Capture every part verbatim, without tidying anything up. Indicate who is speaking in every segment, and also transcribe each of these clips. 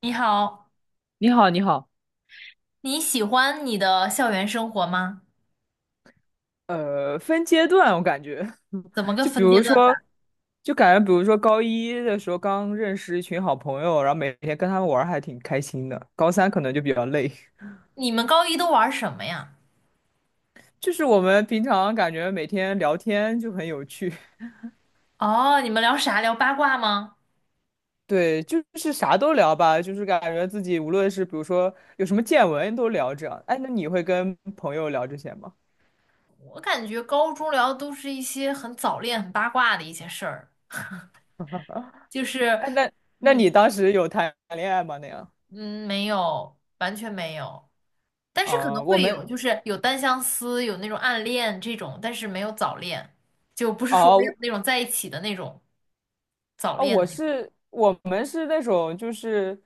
Speaker 1: 你好，
Speaker 2: 你好，你好。
Speaker 1: 你喜欢你的校园生活吗？
Speaker 2: 呃，分阶段，我感觉。
Speaker 1: 怎么个
Speaker 2: 就比
Speaker 1: 分阶
Speaker 2: 如
Speaker 1: 段
Speaker 2: 说，
Speaker 1: 法？
Speaker 2: 就感觉，比如说高一的时候刚认识一群好朋友，然后每天跟他们玩儿还挺开心的。高三可能就比较累。
Speaker 1: 你们高一都玩什么呀？
Speaker 2: 就是我们平常感觉每天聊天就很有趣。
Speaker 1: 哦，你们聊啥？聊八卦吗？
Speaker 2: 对，就是啥都聊吧，就是感觉自己无论是比如说有什么见闻都聊着。样。哎，那你会跟朋友聊这些吗？
Speaker 1: 我感觉高中聊的都是一些很早恋、很八卦的一些事儿，就是，
Speaker 2: 哎，那那
Speaker 1: 嗯
Speaker 2: 你当时有谈恋爱吗？那样？
Speaker 1: 嗯，没有，完全没有，但是可能
Speaker 2: 啊、我
Speaker 1: 会
Speaker 2: 们
Speaker 1: 有，就是有单相思，有那种暗恋这种，但是没有早恋，就不是说没有
Speaker 2: 哦，
Speaker 1: 那种在一起的那种早
Speaker 2: 啊，
Speaker 1: 恋的
Speaker 2: 我
Speaker 1: 那种。
Speaker 2: 是我们是那种就是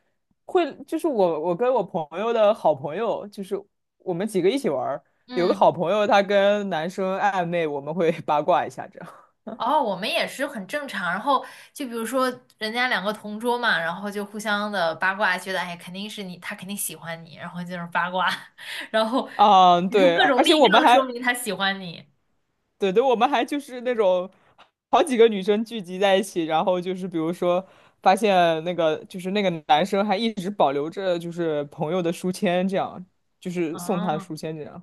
Speaker 2: 会就是我我跟我朋友的好朋友，就是我们几个一起玩儿。有个
Speaker 1: 嗯。
Speaker 2: 好朋友他跟男生暧昧，我们会 八卦一下这样。
Speaker 1: 哦，我们也是很正常。然后就比如说，人家两个同桌嘛，然后就互相的八卦，觉得哎，肯定是你，他肯定喜欢你，然后就是八卦，然后
Speaker 2: 啊，
Speaker 1: 你说
Speaker 2: 对，
Speaker 1: 各种
Speaker 2: 而且
Speaker 1: 例
Speaker 2: 我们
Speaker 1: 证说
Speaker 2: 还
Speaker 1: 明他喜欢你。
Speaker 2: 对对，我们还就是那种好几个女生聚集在一起，然后就是比如说发现那个就是那个男生还一直保留着就是朋友的书签，这样就是送他的
Speaker 1: 哦，
Speaker 2: 书签这样。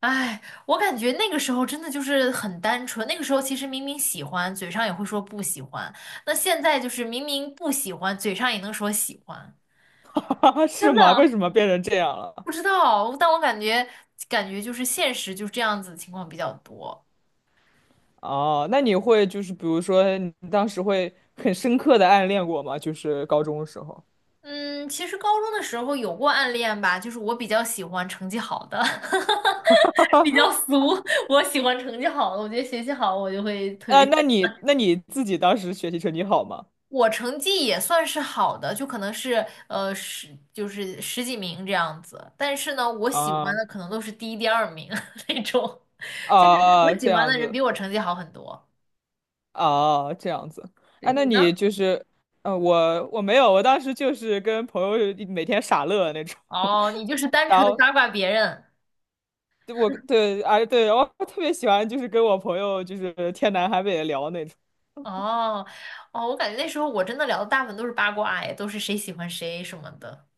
Speaker 1: 哎，我感觉那个时候真的就是很单纯。那个时候其实明明喜欢，嘴上也会说不喜欢。那现在就是明明不喜欢，嘴上也能说喜欢。真
Speaker 2: 是吗？为
Speaker 1: 的
Speaker 2: 什么变成这样了？
Speaker 1: 不知道，但我感觉感觉就是现实就是这样子的情况比较多。
Speaker 2: 哦，那你会就是比如说，你当时会很深刻的暗恋过吗？就是高中的时候。
Speaker 1: 嗯，其实高中的时候有过暗恋吧，就是我比较喜欢成绩好的，比较俗，我喜欢成绩好的，我觉得学习好我就会特
Speaker 2: 呃，
Speaker 1: 别。
Speaker 2: 那你那你自己当时学习成绩好吗？
Speaker 1: 我成绩也算是好的，就可能是呃十就是十几名这样子，但是呢，我喜欢
Speaker 2: 啊
Speaker 1: 的可能都是第一、第二名 那种，就是我
Speaker 2: 啊，
Speaker 1: 喜
Speaker 2: 这
Speaker 1: 欢
Speaker 2: 样
Speaker 1: 的人
Speaker 2: 子
Speaker 1: 比我成绩好很多。
Speaker 2: 啊，这样子。
Speaker 1: 对，
Speaker 2: 啊，
Speaker 1: 你
Speaker 2: 那
Speaker 1: 呢？
Speaker 2: 你就是。呃，我我没有，我当时就是跟朋友每天傻乐那种。
Speaker 1: 哦，你就是单
Speaker 2: 然
Speaker 1: 纯的
Speaker 2: 后
Speaker 1: 八卦别人。
Speaker 2: 对我对，啊对，我特别喜欢就是跟我朋友就是天南海北的聊那种。
Speaker 1: 哦哦，我感觉那时候我真的聊的大部分都是八卦，哎，都是谁喜欢谁什么的。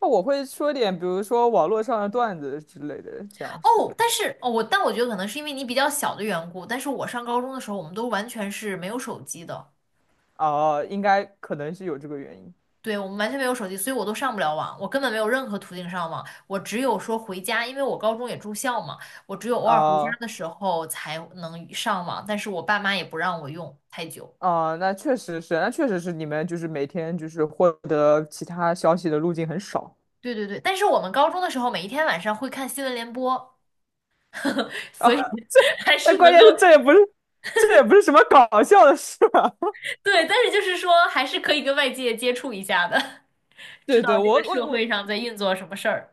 Speaker 2: 那我会说点，比如说网络上的段子之类的，这样是。
Speaker 1: 哦，但是哦，我但我觉得可能是因为你比较小的缘故，但是我上高中的时候，我们都完全是没有手机的，
Speaker 2: 哦、呃应该可能是有这个原因。
Speaker 1: 对，我们完全没有手机，所以我都上不了网，我根本没有任何途径上网，我只有说回家，因为我高中也住校嘛，我只有偶尔回家
Speaker 2: 哦、
Speaker 1: 的时候才能上网，但是我爸妈也不让我用太久。
Speaker 2: 哦、那确实是，那确实是你们就是每天就是获得其他消息的路径很少
Speaker 1: 对对对，但是我们高中的时候，每一天晚上会看新闻联播，
Speaker 2: 啊。
Speaker 1: 所以还
Speaker 2: 但
Speaker 1: 是
Speaker 2: 关
Speaker 1: 能
Speaker 2: 键
Speaker 1: 够，
Speaker 2: 是这也不是，这也不是什么搞笑的事吧？
Speaker 1: 对，但是就是说还是可以跟外界接触一下的，知
Speaker 2: 对
Speaker 1: 道
Speaker 2: 对，
Speaker 1: 这
Speaker 2: 我
Speaker 1: 个社
Speaker 2: 我我
Speaker 1: 会上在运作什么事儿。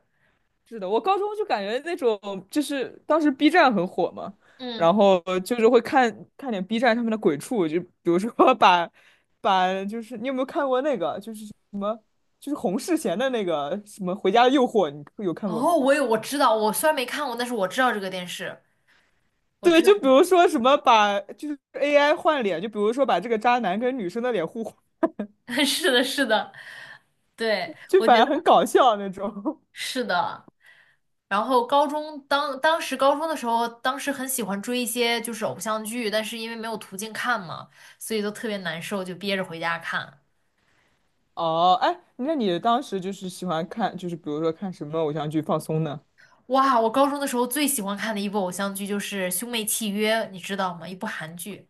Speaker 2: 是的，我高中就感觉那种就是当时 B 站很火嘛，
Speaker 1: 嗯，
Speaker 2: 然后就是会看看点 B 站上面的鬼畜，就比如说 把把就是你有没有看过那个就是什么就是洪世贤的那个什么《回家的诱惑》，你有看过吗？
Speaker 1: 哦，我有，我知道，我虽然没看过，但是我知道这个电视，我
Speaker 2: 对，
Speaker 1: 知道，
Speaker 2: 就比如说什么把就是 A I 换脸，就比如说把这个渣男跟女生的脸互换，
Speaker 1: 是的，是的，对，
Speaker 2: 就
Speaker 1: 我
Speaker 2: 反
Speaker 1: 觉
Speaker 2: 正很
Speaker 1: 得
Speaker 2: 搞笑那种。
Speaker 1: 是的。然后高中当当时高中的时候，当时很喜欢追一些就是偶像剧，但是因为没有途径看嘛，所以都特别难受，就憋着回家看。
Speaker 2: 哦，哎，那你当时就是喜欢看，就是比如说看什么偶像剧放松呢？
Speaker 1: 哇，我高中的时候最喜欢看的一部偶像剧就是《兄妹契约》，你知道吗？一部韩剧，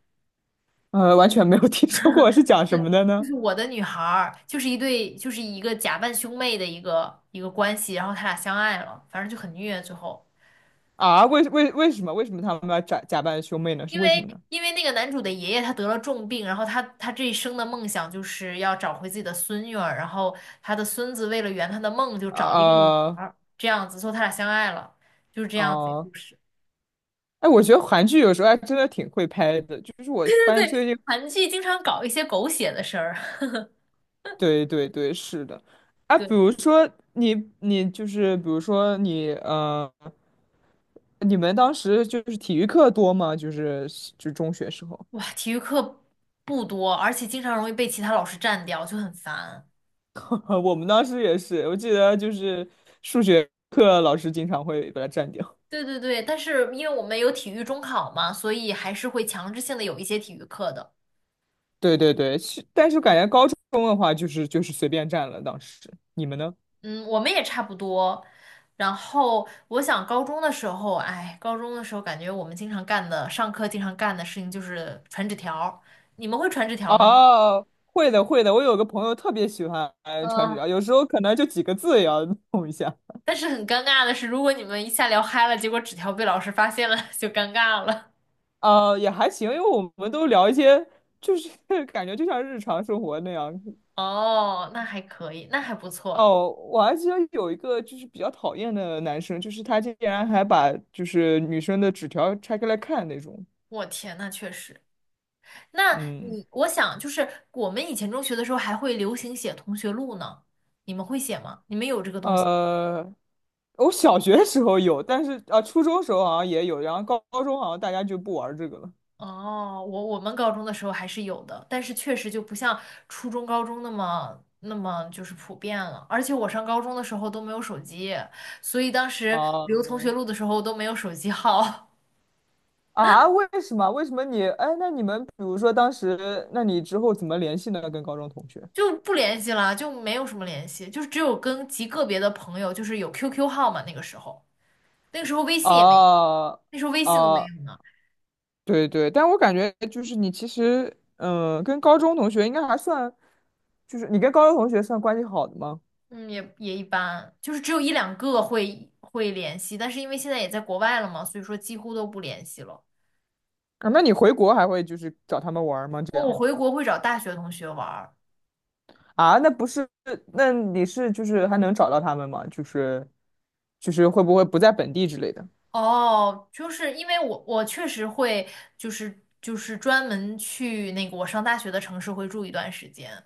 Speaker 2: 呃，完全没有 听说过是讲什么的
Speaker 1: 就是
Speaker 2: 呢？
Speaker 1: 《我的女孩》，儿》，就是一对，就是一个假扮兄妹的一个一个关系，然后他俩相爱了，反正就很虐，最后。
Speaker 2: 啊，为为为什么为什么他们要假假扮兄妹呢？是
Speaker 1: 因
Speaker 2: 为什
Speaker 1: 为
Speaker 2: 么呢？
Speaker 1: 因为那个男主的爷爷他得了重病，然后他他这一生的梦想就是要找回自己的孙女儿，然后他的孙子为了圆他的梦，就找了一个女孩
Speaker 2: 呃，
Speaker 1: 儿，这样子，所以他俩相爱了，就是这样子一个
Speaker 2: 哦、
Speaker 1: 故事。
Speaker 2: 哎，我觉得韩剧有时候还真的挺会拍的，就是我发现最近
Speaker 1: 韩剧经常搞一些狗血的事儿，
Speaker 2: 对对对，是的。啊，
Speaker 1: 对，
Speaker 2: 比如说你你就是比如说你呃，你们当时就是体育课多吗？就是就中学时候。
Speaker 1: 哇，体育课不多，而且经常容易被其他老师占掉，就很烦。
Speaker 2: 我们当时也是，我记得就是数学课老师经常会把它占掉。
Speaker 1: 对对对，但是因为我们有体育中考嘛，所以还是会强制性的有一些体育课的。
Speaker 2: 对对对，是但是感觉高中的话就是就是随便占了。当时你们呢？
Speaker 1: 嗯，我们也差不多。然后我想高中的时候，哎，高中的时候感觉我们经常干的，上课经常干的事情就是传纸条儿你们会传纸条吗？
Speaker 2: 哦，会的会的，我有个朋友特别喜欢穿纸
Speaker 1: 嗯，
Speaker 2: 条，有时候可能就几个字也要弄一下。
Speaker 1: 但是很尴尬的是，如果你们一下聊嗨了，结果纸条被老师发现了，就尴尬了。
Speaker 2: 呃，也还行，因为我们都聊一些，就是 感觉就像日常生活那样。
Speaker 1: 哦，那还可以，那还不错。
Speaker 2: 哦，我还记得有一个就是比较讨厌的男生，就是他竟然还把就是女生的纸条拆开来看那种。
Speaker 1: 我天，那确实。那
Speaker 2: 嗯。
Speaker 1: 你，我想就是我们以前中学的时候还会流行写同学录呢，你们会写吗？你们有这个东西？
Speaker 2: 呃，我小学的时候有，但是啊，初中时候好像也有，然后高高中好像大家就不玩这个了。
Speaker 1: 哦，我我们高中的时候还是有的，但是确实就不像初中、高中那么那么就是普遍了。而且我上高中的时候都没有手机，所以当时留
Speaker 2: 啊
Speaker 1: 同学录的时候都没有手机号，
Speaker 2: 啊，为什么？为什么你？哎，那你们比如说当时，那你之后怎么联系呢？跟高中同学？
Speaker 1: 就不联系了，就没有什么联系，就是只有跟极个别的朋友，就是有 Q Q 号嘛。那个时候，那个时候微信也没有，
Speaker 2: 啊啊。
Speaker 1: 那时候微信都没
Speaker 2: 哦
Speaker 1: 有呢。
Speaker 2: 对对，但我感觉就是你其实，嗯、跟高中同学应该还算，就是你跟高中同学算关系好的吗？
Speaker 1: 嗯，也也一般，就是只有一两个会会联系，但是因为现在也在国外了嘛，所以说几乎都不联系了。
Speaker 2: 啊，那你回国还会就是找他们玩儿吗？这
Speaker 1: 哦，我
Speaker 2: 样
Speaker 1: 回国会找大学同学玩儿。
Speaker 2: 啊？那不是，那你是就是还能找到他们吗？就是就是会不会不在本地之类的？
Speaker 1: 哦，就是因为我我确实会，就是就是专门去那个我上大学的城市会住一段时间。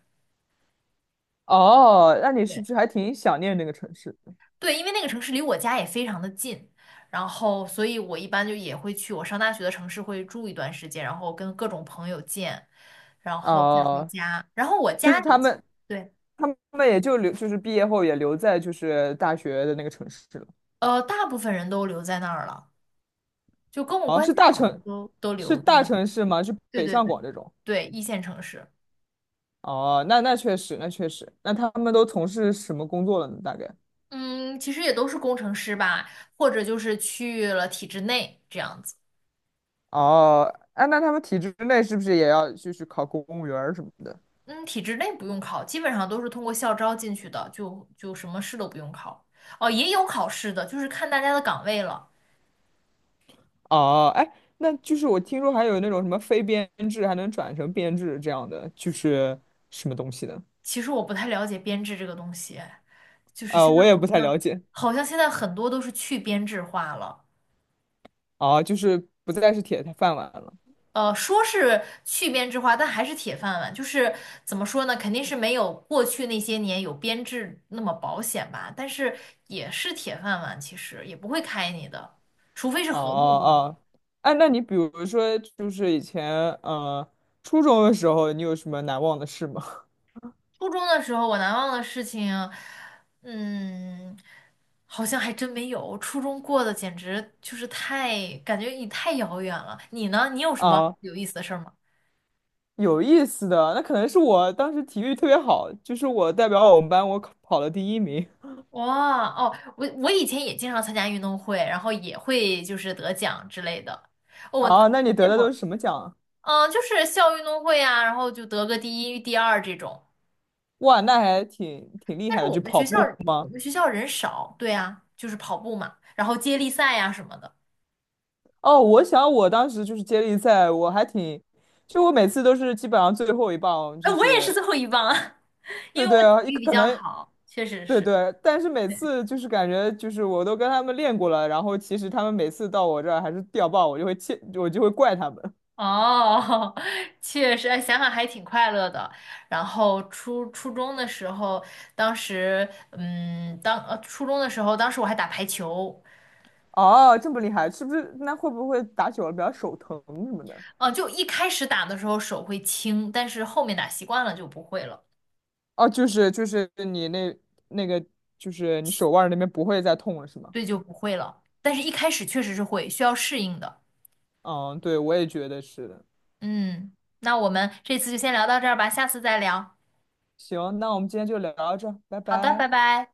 Speaker 2: 哦，那你是不
Speaker 1: 对
Speaker 2: 是还挺想念那个城市的？
Speaker 1: 对，因为那个城市离我家也非常的近，然后所以我一般就也会去我上大学的城市会住一段时间，然后跟各种朋友见，然后再回
Speaker 2: 哦，
Speaker 1: 家。然后我
Speaker 2: 就
Speaker 1: 家
Speaker 2: 是他
Speaker 1: 里，
Speaker 2: 们，
Speaker 1: 对，
Speaker 2: 他们也就留，就是毕业后也留在就是大学的那个城市了。
Speaker 1: 呃，大部分人都留在那儿了，就跟我
Speaker 2: 哦，
Speaker 1: 关系
Speaker 2: 是大
Speaker 1: 好的
Speaker 2: 城，
Speaker 1: 都都
Speaker 2: 是
Speaker 1: 留在
Speaker 2: 大
Speaker 1: 那儿。
Speaker 2: 城市吗？是
Speaker 1: 对
Speaker 2: 北
Speaker 1: 对
Speaker 2: 上
Speaker 1: 对，
Speaker 2: 广这种？
Speaker 1: 对，一线城市。
Speaker 2: 哦，那那确实，那确实，那他们都从事什么工作了呢？大概？
Speaker 1: 嗯，其实也都是工程师吧，或者就是去了体制内这样子。
Speaker 2: 哦，哎，那他们体制内是不是也要就是考公务员儿什么的？
Speaker 1: 嗯，体制内不用考，基本上都是通过校招进去的，就就什么试都不用考。哦，也有考试的，就是看大家的岗位了。
Speaker 2: 哦，哎，那就是我听说还有那种什么非编制还能转成编制这样的，就是什么东西的？
Speaker 1: 其实我不太了解编制这个东西，就是
Speaker 2: 呃，
Speaker 1: 现在
Speaker 2: 我也不
Speaker 1: 好
Speaker 2: 太
Speaker 1: 像
Speaker 2: 了解。
Speaker 1: 好像现在很多都是去编制化了。
Speaker 2: 哦，就是不再是铁饭碗了。
Speaker 1: 呃，说是去编制化，但还是铁饭碗。就是怎么说呢，肯定是没有过去那些年有编制那么保险吧，但是也是铁饭碗，其实也不会开你的，除非是
Speaker 2: 哦
Speaker 1: 合同工。
Speaker 2: 哦，哦，哎，那你比如说，就是以前呃初中的时候，你有什么难忘的事吗？
Speaker 1: 初中的时候，我难忘的事情，嗯，好像还真没有。初中过得简直就是太，感觉也太遥远了。你呢？你有什么
Speaker 2: 啊，
Speaker 1: 有意思的事儿吗？
Speaker 2: 有意思的，那可能是我当时体育特别好，就是我代表我们班，我考跑了第一名。
Speaker 1: 哇哦，我我以前也经常参加运动会，然后也会就是得奖之类的。哦我初
Speaker 2: 啊，
Speaker 1: 中
Speaker 2: 那你
Speaker 1: 那
Speaker 2: 得的
Speaker 1: 会
Speaker 2: 都是
Speaker 1: 儿，
Speaker 2: 什么奖啊
Speaker 1: 嗯，就是校运动会啊，然后就得个第一、第二这种。
Speaker 2: 哇，那还挺挺厉
Speaker 1: 但
Speaker 2: 害
Speaker 1: 是
Speaker 2: 的，
Speaker 1: 我
Speaker 2: 就
Speaker 1: 们
Speaker 2: 跑
Speaker 1: 学校
Speaker 2: 步
Speaker 1: 我
Speaker 2: 吗？
Speaker 1: 们学校人少，对啊，就是跑步嘛，然后接力赛呀、什么的。
Speaker 2: 哦，我想我当时就是接力赛，我还挺，就我每次都是基本上最后一棒，
Speaker 1: 哎，
Speaker 2: 就
Speaker 1: 我也是
Speaker 2: 是
Speaker 1: 最后一棒啊，因
Speaker 2: 对
Speaker 1: 为我
Speaker 2: 对
Speaker 1: 体
Speaker 2: 啊，一
Speaker 1: 育比
Speaker 2: 可
Speaker 1: 较
Speaker 2: 能
Speaker 1: 好，确实
Speaker 2: 对
Speaker 1: 是。对。
Speaker 2: 对，但是每次就是感觉就是我都跟他们练过了，然后其实他们每次到我这儿还是掉棒，我就会气，我就会怪他们。
Speaker 1: 哦，确实，哎想想还挺快乐的。然后初初中的时候，当时，嗯，当呃初中的时候，当时我还打排球，
Speaker 2: 哦，这么厉害，是不是？那会不会打久了比较手疼什么的？
Speaker 1: 嗯、就一开始打的时候手会轻，但是后面打习惯了就不会了，
Speaker 2: 哦，就是就是你那那个就是你手腕儿那边不会再痛了是吗？
Speaker 1: 对，就不会了。但是一开始确实是会，需要适应的。
Speaker 2: 嗯，对，我也觉得是的。
Speaker 1: 嗯，那我们这次就先聊到这儿吧，下次再聊。
Speaker 2: 行，那我们今天就聊到这儿，拜
Speaker 1: 好的，拜
Speaker 2: 拜。
Speaker 1: 拜。